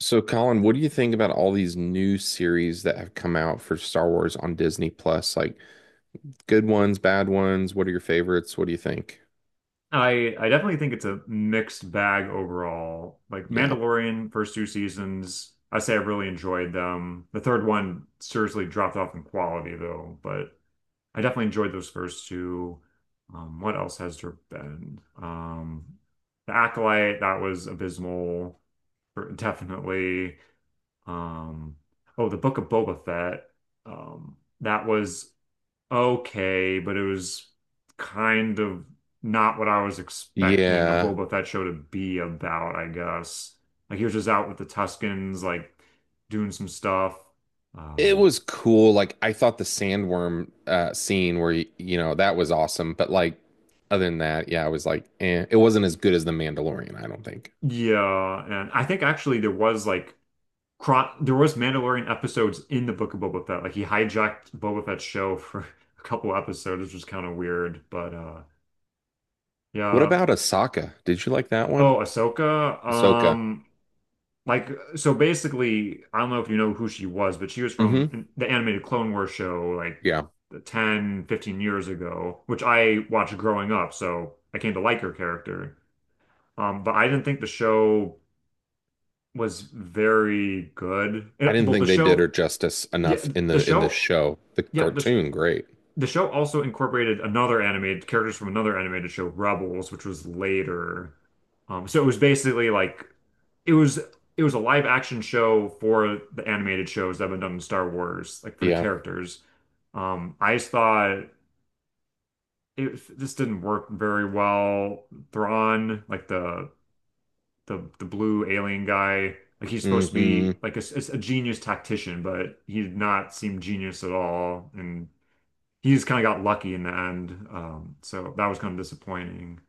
So, Colin, what do you think about all these new series that have come out for Star Wars on Disney Plus? Like good ones, bad ones. What are your favorites? What do you think? I definitely think it's a mixed bag overall. Like Yeah. Mandalorian, first two seasons, I say I really enjoyed them. The third one seriously dropped off in quality though, but I definitely enjoyed those first two. What else has there been? The Acolyte, that was abysmal, definitely. Um, oh, The Book of Boba Fett, that was okay, but it was kind of not what I was expecting a Yeah. Boba Fett show to be about, I guess. Like he was just out with the Tuskens, like doing some stuff. It Uh, was cool. Like I thought the sandworm scene where you know that was awesome, but like other than that, yeah, I was like, eh, it wasn't as good as The Mandalorian, I don't think. yeah, and I think actually there was Mandalorian episodes in the Book of Boba Fett. Like he hijacked Boba Fett's show for a couple episodes, which was kind of weird, but What yeah. about Ahsoka? Did you like that Oh, one? Ahsoka. Ahsoka. Like, so basically, I don't know if you know who she was, but she was Hmm. from the animated Clone Wars show like Yeah. 10, 15 years ago, which I watched growing up. So I came to like her character. But I didn't think the show was very good. I didn't Well, think they did her justice yeah, enough in the the show, show. The yeah, the, cartoon, great. the show also incorporated another animated characters from another animated show, Rebels, which was later. So it was basically like it was it was a live action show for the animated shows that have been done in Star Wars, like for the Yeah. characters. I just thought it this didn't work very well. Thrawn, like the blue alien guy, like he's supposed to Hmm. be like a genius tactician, but he did not seem genius at all, and he's kind of got lucky in the end. So that was kind of disappointing.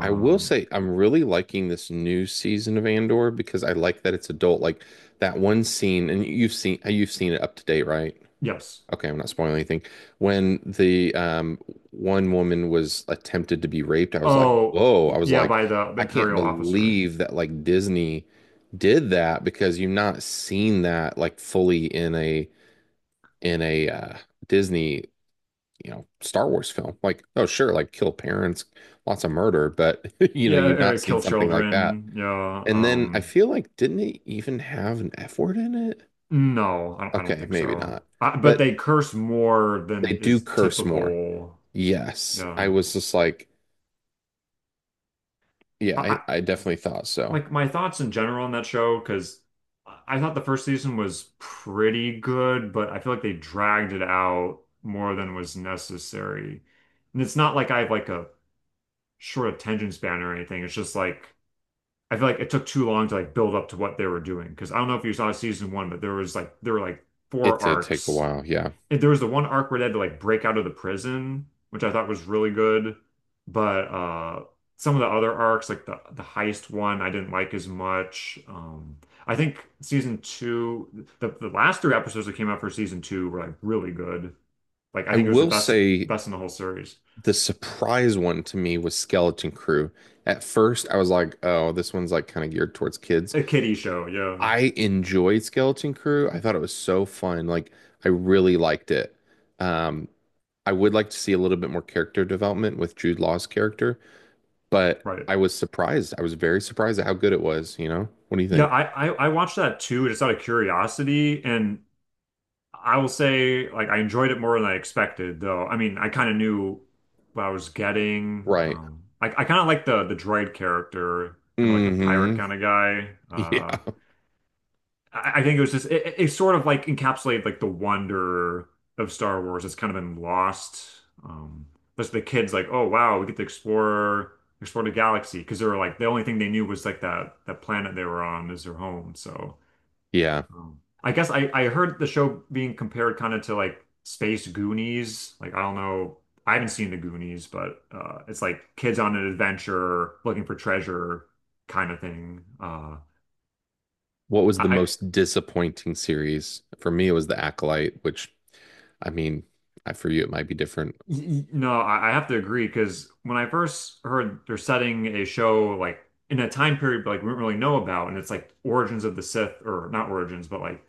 I will say I'm really liking this new season of Andor because I like that it's adult. Like that one scene, and you've seen it up to date, right? yes. Okay, I'm not spoiling anything. When the one woman was attempted to be raped, I was like, Oh, whoa. I was yeah, like, by the I can't Imperial officer. believe that like Disney did that because you've not seen that like fully in a Disney, Star Wars film. Like, oh, sure, like kill parents, lots of murder, but Yeah, you've not seen kill something like that. children. Yeah. And then I feel like, didn't it even have an F word in it? No, I don't Okay, think maybe so. not. But But they curse more they than do is curse more. typical. Yes. I Yeah. was just like, yeah, I, I, I, I definitely thought so. like my thoughts in general on that show, because I thought the first season was pretty good, but I feel like they dragged it out more than was necessary. And it's not like I have like a short attention span or anything. It's just like I feel like it took too long to like build up to what they were doing. Because I don't know if you saw season one, but there was like there were like It four did take a arcs. while. Yeah. And there was the one arc where they had to like break out of the prison, which I thought was really good. But some of the other arcs, like the heist one, I didn't like as much. I think season two, the last three episodes that came out for season two were like really good. Like I I think it was the will say best in the whole series. the surprise one to me was Skeleton Crew. At first, I was like, oh, this one's like kind of geared towards kids. A kiddie show, yeah. I enjoyed Skeleton Crew. I thought it was so fun. Like I really liked it. Um, I would like to see a little bit more character development with Jude Law's character, but Right. I was surprised. I was very surprised at how good it was, you know? What do you Yeah, think? I watched that too, just out of curiosity, and I will say, like, I enjoyed it more than I expected, though. I mean, I kind of knew what I was getting. Right. I kind of like the droid character, kind of like the pirate Hmm. kind of guy. Yeah. I think it was just it sort of like encapsulated like the wonder of Star Wars that's kind of been lost. But the kids like, oh wow, we get to explore the galaxy because they were like the only thing they knew was like that planet they were on is their home, so. Yeah. I guess I heard the show being compared kind of to like Space Goonies. Like, I don't know. I haven't seen the Goonies, but it's like kids on an adventure looking for treasure kind of thing. What was the I, I most disappointing series? For me, it was The Acolyte, which I mean, I for you it might be different. No, I have to agree because when I first heard they're setting a show like in a time period like we don't really know about, and it's like origins of the Sith or not origins, but like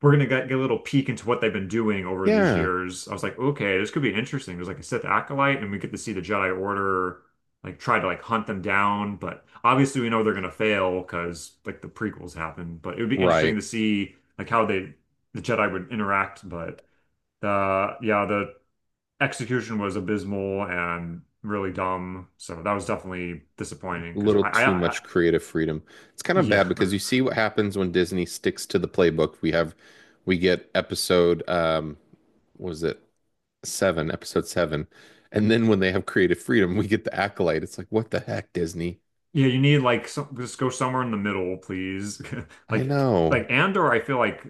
we're gonna get a little peek into what they've been doing over these Yeah. years. I was like, okay, this could be interesting. There's like a Sith acolyte, and we get to see the Jedi Order like try to like hunt them down. But obviously, we know they're gonna fail because like the prequels happened. But it would be interesting Right. to see like how they the Jedi would interact. But the yeah, the execution was abysmal and really dumb. So that was definitely A disappointing because little too I much creative freedom. It's kind of yeah. bad because you see what happens when Disney sticks to the playbook. We get episode what was it, seven, episode seven. And then when they have creative freedom, we get the acolyte. It's like, what the heck, Disney? Yeah, you need like some just go somewhere in the middle, please. I Like know. like Andor, I feel like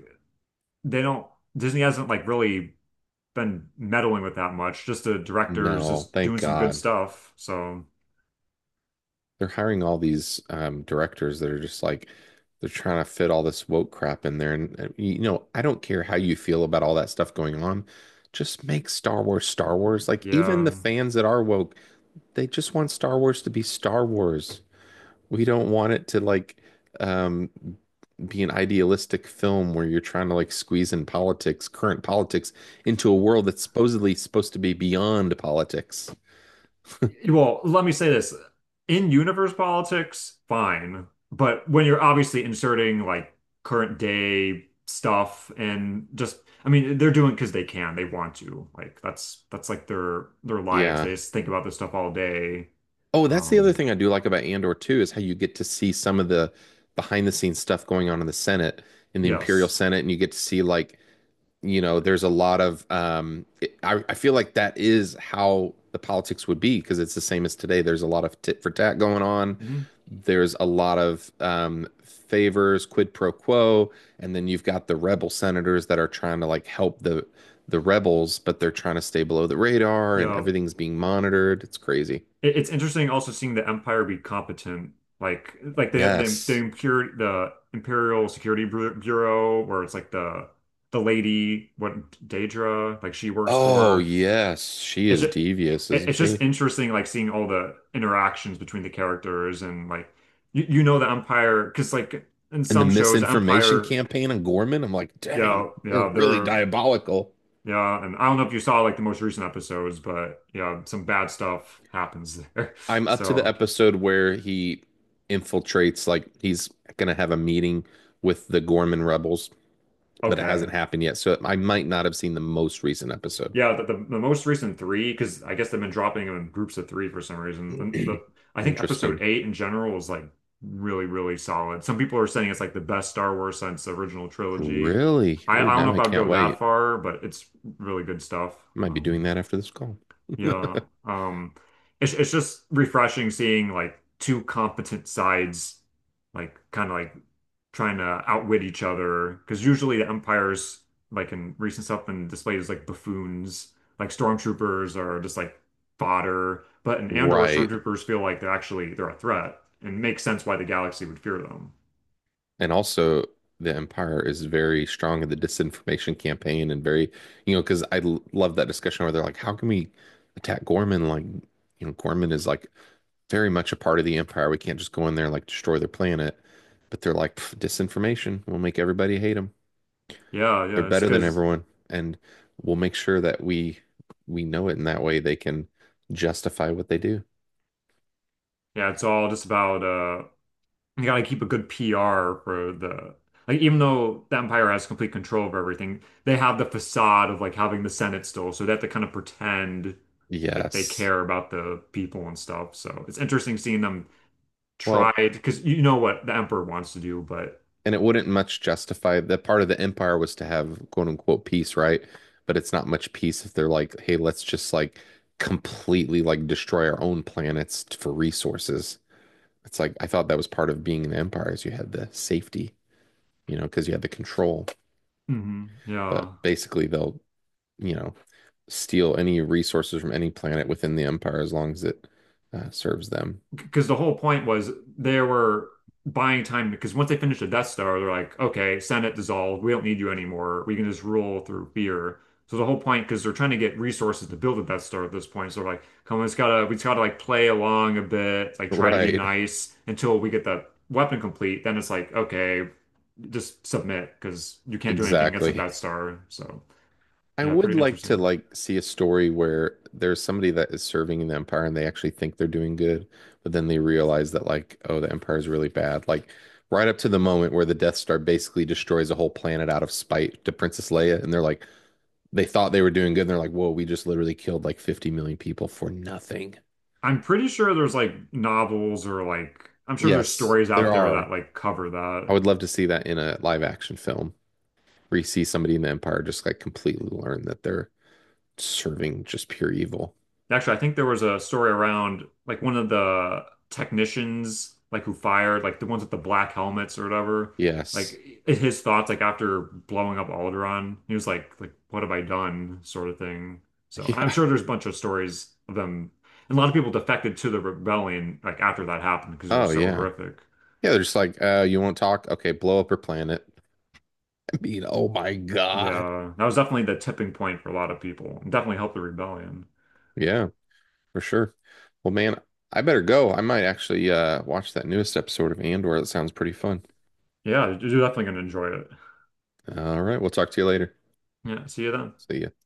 they don't Disney hasn't like really been meddling with that much. Just the directors No, just thank doing some good God. stuff. So They're hiring all these directors that are just like they're trying to fit all this woke crap in there. And I don't care how you feel about all that stuff going on. Just make Star Wars Star Wars. Like even the yeah. fans that are woke, they just want Star Wars to be Star Wars. We don't want it to like um be an idealistic film where you're trying to like squeeze in politics, current politics, into a world that's supposedly supposed to be beyond politics. Well, let me say this. In universe politics, fine. But when you're obviously inserting like current day stuff and just I mean, they're doing because they can, they want to. Like that's like their lives. Yeah. They just think about this stuff all day. Oh, that's the other Um, thing I do like about Andor too is how you get to see some of the behind the scenes stuff going on in the Senate, in the Imperial yes. Senate, and you get to see, like, there's a lot of I feel like that is how the politics would be because it's the same as today. There's a lot of tit for tat going on. Hmm. There's a lot of favors, quid pro quo, and then you've got the rebel senators that are trying to like help the rebels, but they're trying to stay below the radar and Yeah. everything's being monitored. It's crazy. It's interesting also seeing the Empire be competent. Like Yes. The Imperial Security Bureau where it's like the lady what Daedra like she works Oh, for. yes. She It's is just devious, isn't it's just she? interesting like seeing all the interactions between the characters and like you know the Empire because like in And the some shows the misinformation Empire, campaign on Gorman, I'm like, dang, yeah, they're yeah, really they're... diabolical. Yeah, and I don't know if you saw like the most recent episodes, but yeah, some bad stuff happens there. I'm up to the So, episode where he infiltrates, like he's gonna have a meeting with the Gorman rebels, but it hasn't okay. happened yet. So I might not have seen the most recent episode. Yeah, the most recent three, because I guess they've been dropping them in groups of three for some reason. And the I think Interesting. episode eight in general was like really, really solid. Some people are saying it's like the best Star Wars since the original trilogy. Really? I Oh, don't now know I if I would can't go that wait. far, but it's really good stuff. I might be doing Um, that after this call. Yeah. It's just refreshing seeing like two competent sides like kind of like trying to outwit each other because usually the Empire's like in recent stuff been displayed as like buffoons, like stormtroopers are just like fodder, but in Andor Right. stormtroopers feel like they're actually they're a threat and makes sense why the galaxy would fear them. And also, the Empire is very strong in the disinformation campaign and very, because I love that discussion where they're like, how can we attack Gorman? Like, Gorman is like very much a part of the empire. We can't just go in there and like destroy their planet. But they're like, "Pff, disinformation. We'll make everybody hate them. Yeah, They're yeah, it's better than because everyone, and we'll make sure that we know it in that way they can justify what they do. yeah, it's all just about you gotta keep a good PR for the like even though the Empire has complete control of everything, they have the facade of like having the Senate still, so they have to kind of pretend like they Yes. care about the people and stuff. So it's interesting seeing them try Well, because you know what the Emperor wants to do, but and it wouldn't much justify that part of the empire was to have quote unquote peace, right? But it's not much peace if they're like, hey, let's just like completely like destroy our own planets for resources. It's like I thought that was part of being an empire is you had the safety. Because you had the control. Mhm. But yeah. basically, they'll, you know, steal any resources from any planet within the empire as long as it serves them. Because the whole point was they were buying time because once they finished the Death Star, they're like, okay, Senate dissolved. We don't need you anymore. We can just rule through fear. So the whole point, because they're trying to get resources to build a Death Star at this point, so they're like, come on, we just gotta like play along a bit, like try to be Right. nice until we get the weapon complete. Then it's like, okay, just submit because you can't do anything against the Exactly. Death Star. So I yeah, would pretty like to interesting. like see a story where there's somebody that is serving in the empire and they actually think they're doing good, but then they realize that like, oh, the empire is really bad. Like right up to the moment where the Death Star basically destroys a whole planet out of spite to Princess Leia, and they're like, they thought they were doing good, and they're like, whoa, we just literally killed like 50 million people for nothing. I'm pretty sure there's like novels or like I'm sure there's Yes, stories out there there are. that like cover I that. would love to see that in a live action film where you see somebody in the Empire just like completely learn that they're serving just pure evil. Actually, I think there was a story around like one of the technicians like who fired like the ones with the black helmets or whatever. Yes. Like his thoughts like after blowing up Alderaan, he was like what have I done sort of thing. So I'm Yeah. sure there's a bunch of stories of them and a lot of people defected to the rebellion like after that happened because it Oh, was so yeah. horrific. Yeah, they're just like, you won't talk? Okay, blow up her planet. I mean, oh my God. Yeah, that was definitely the tipping point for a lot of people. Definitely helped the rebellion. Yeah, for sure. Well, man, I better go. I might actually watch that newest episode of Andor. That sounds pretty fun. Yeah, you're definitely gonna enjoy it. All right, we'll talk to you later. Yeah, see you then. See ya.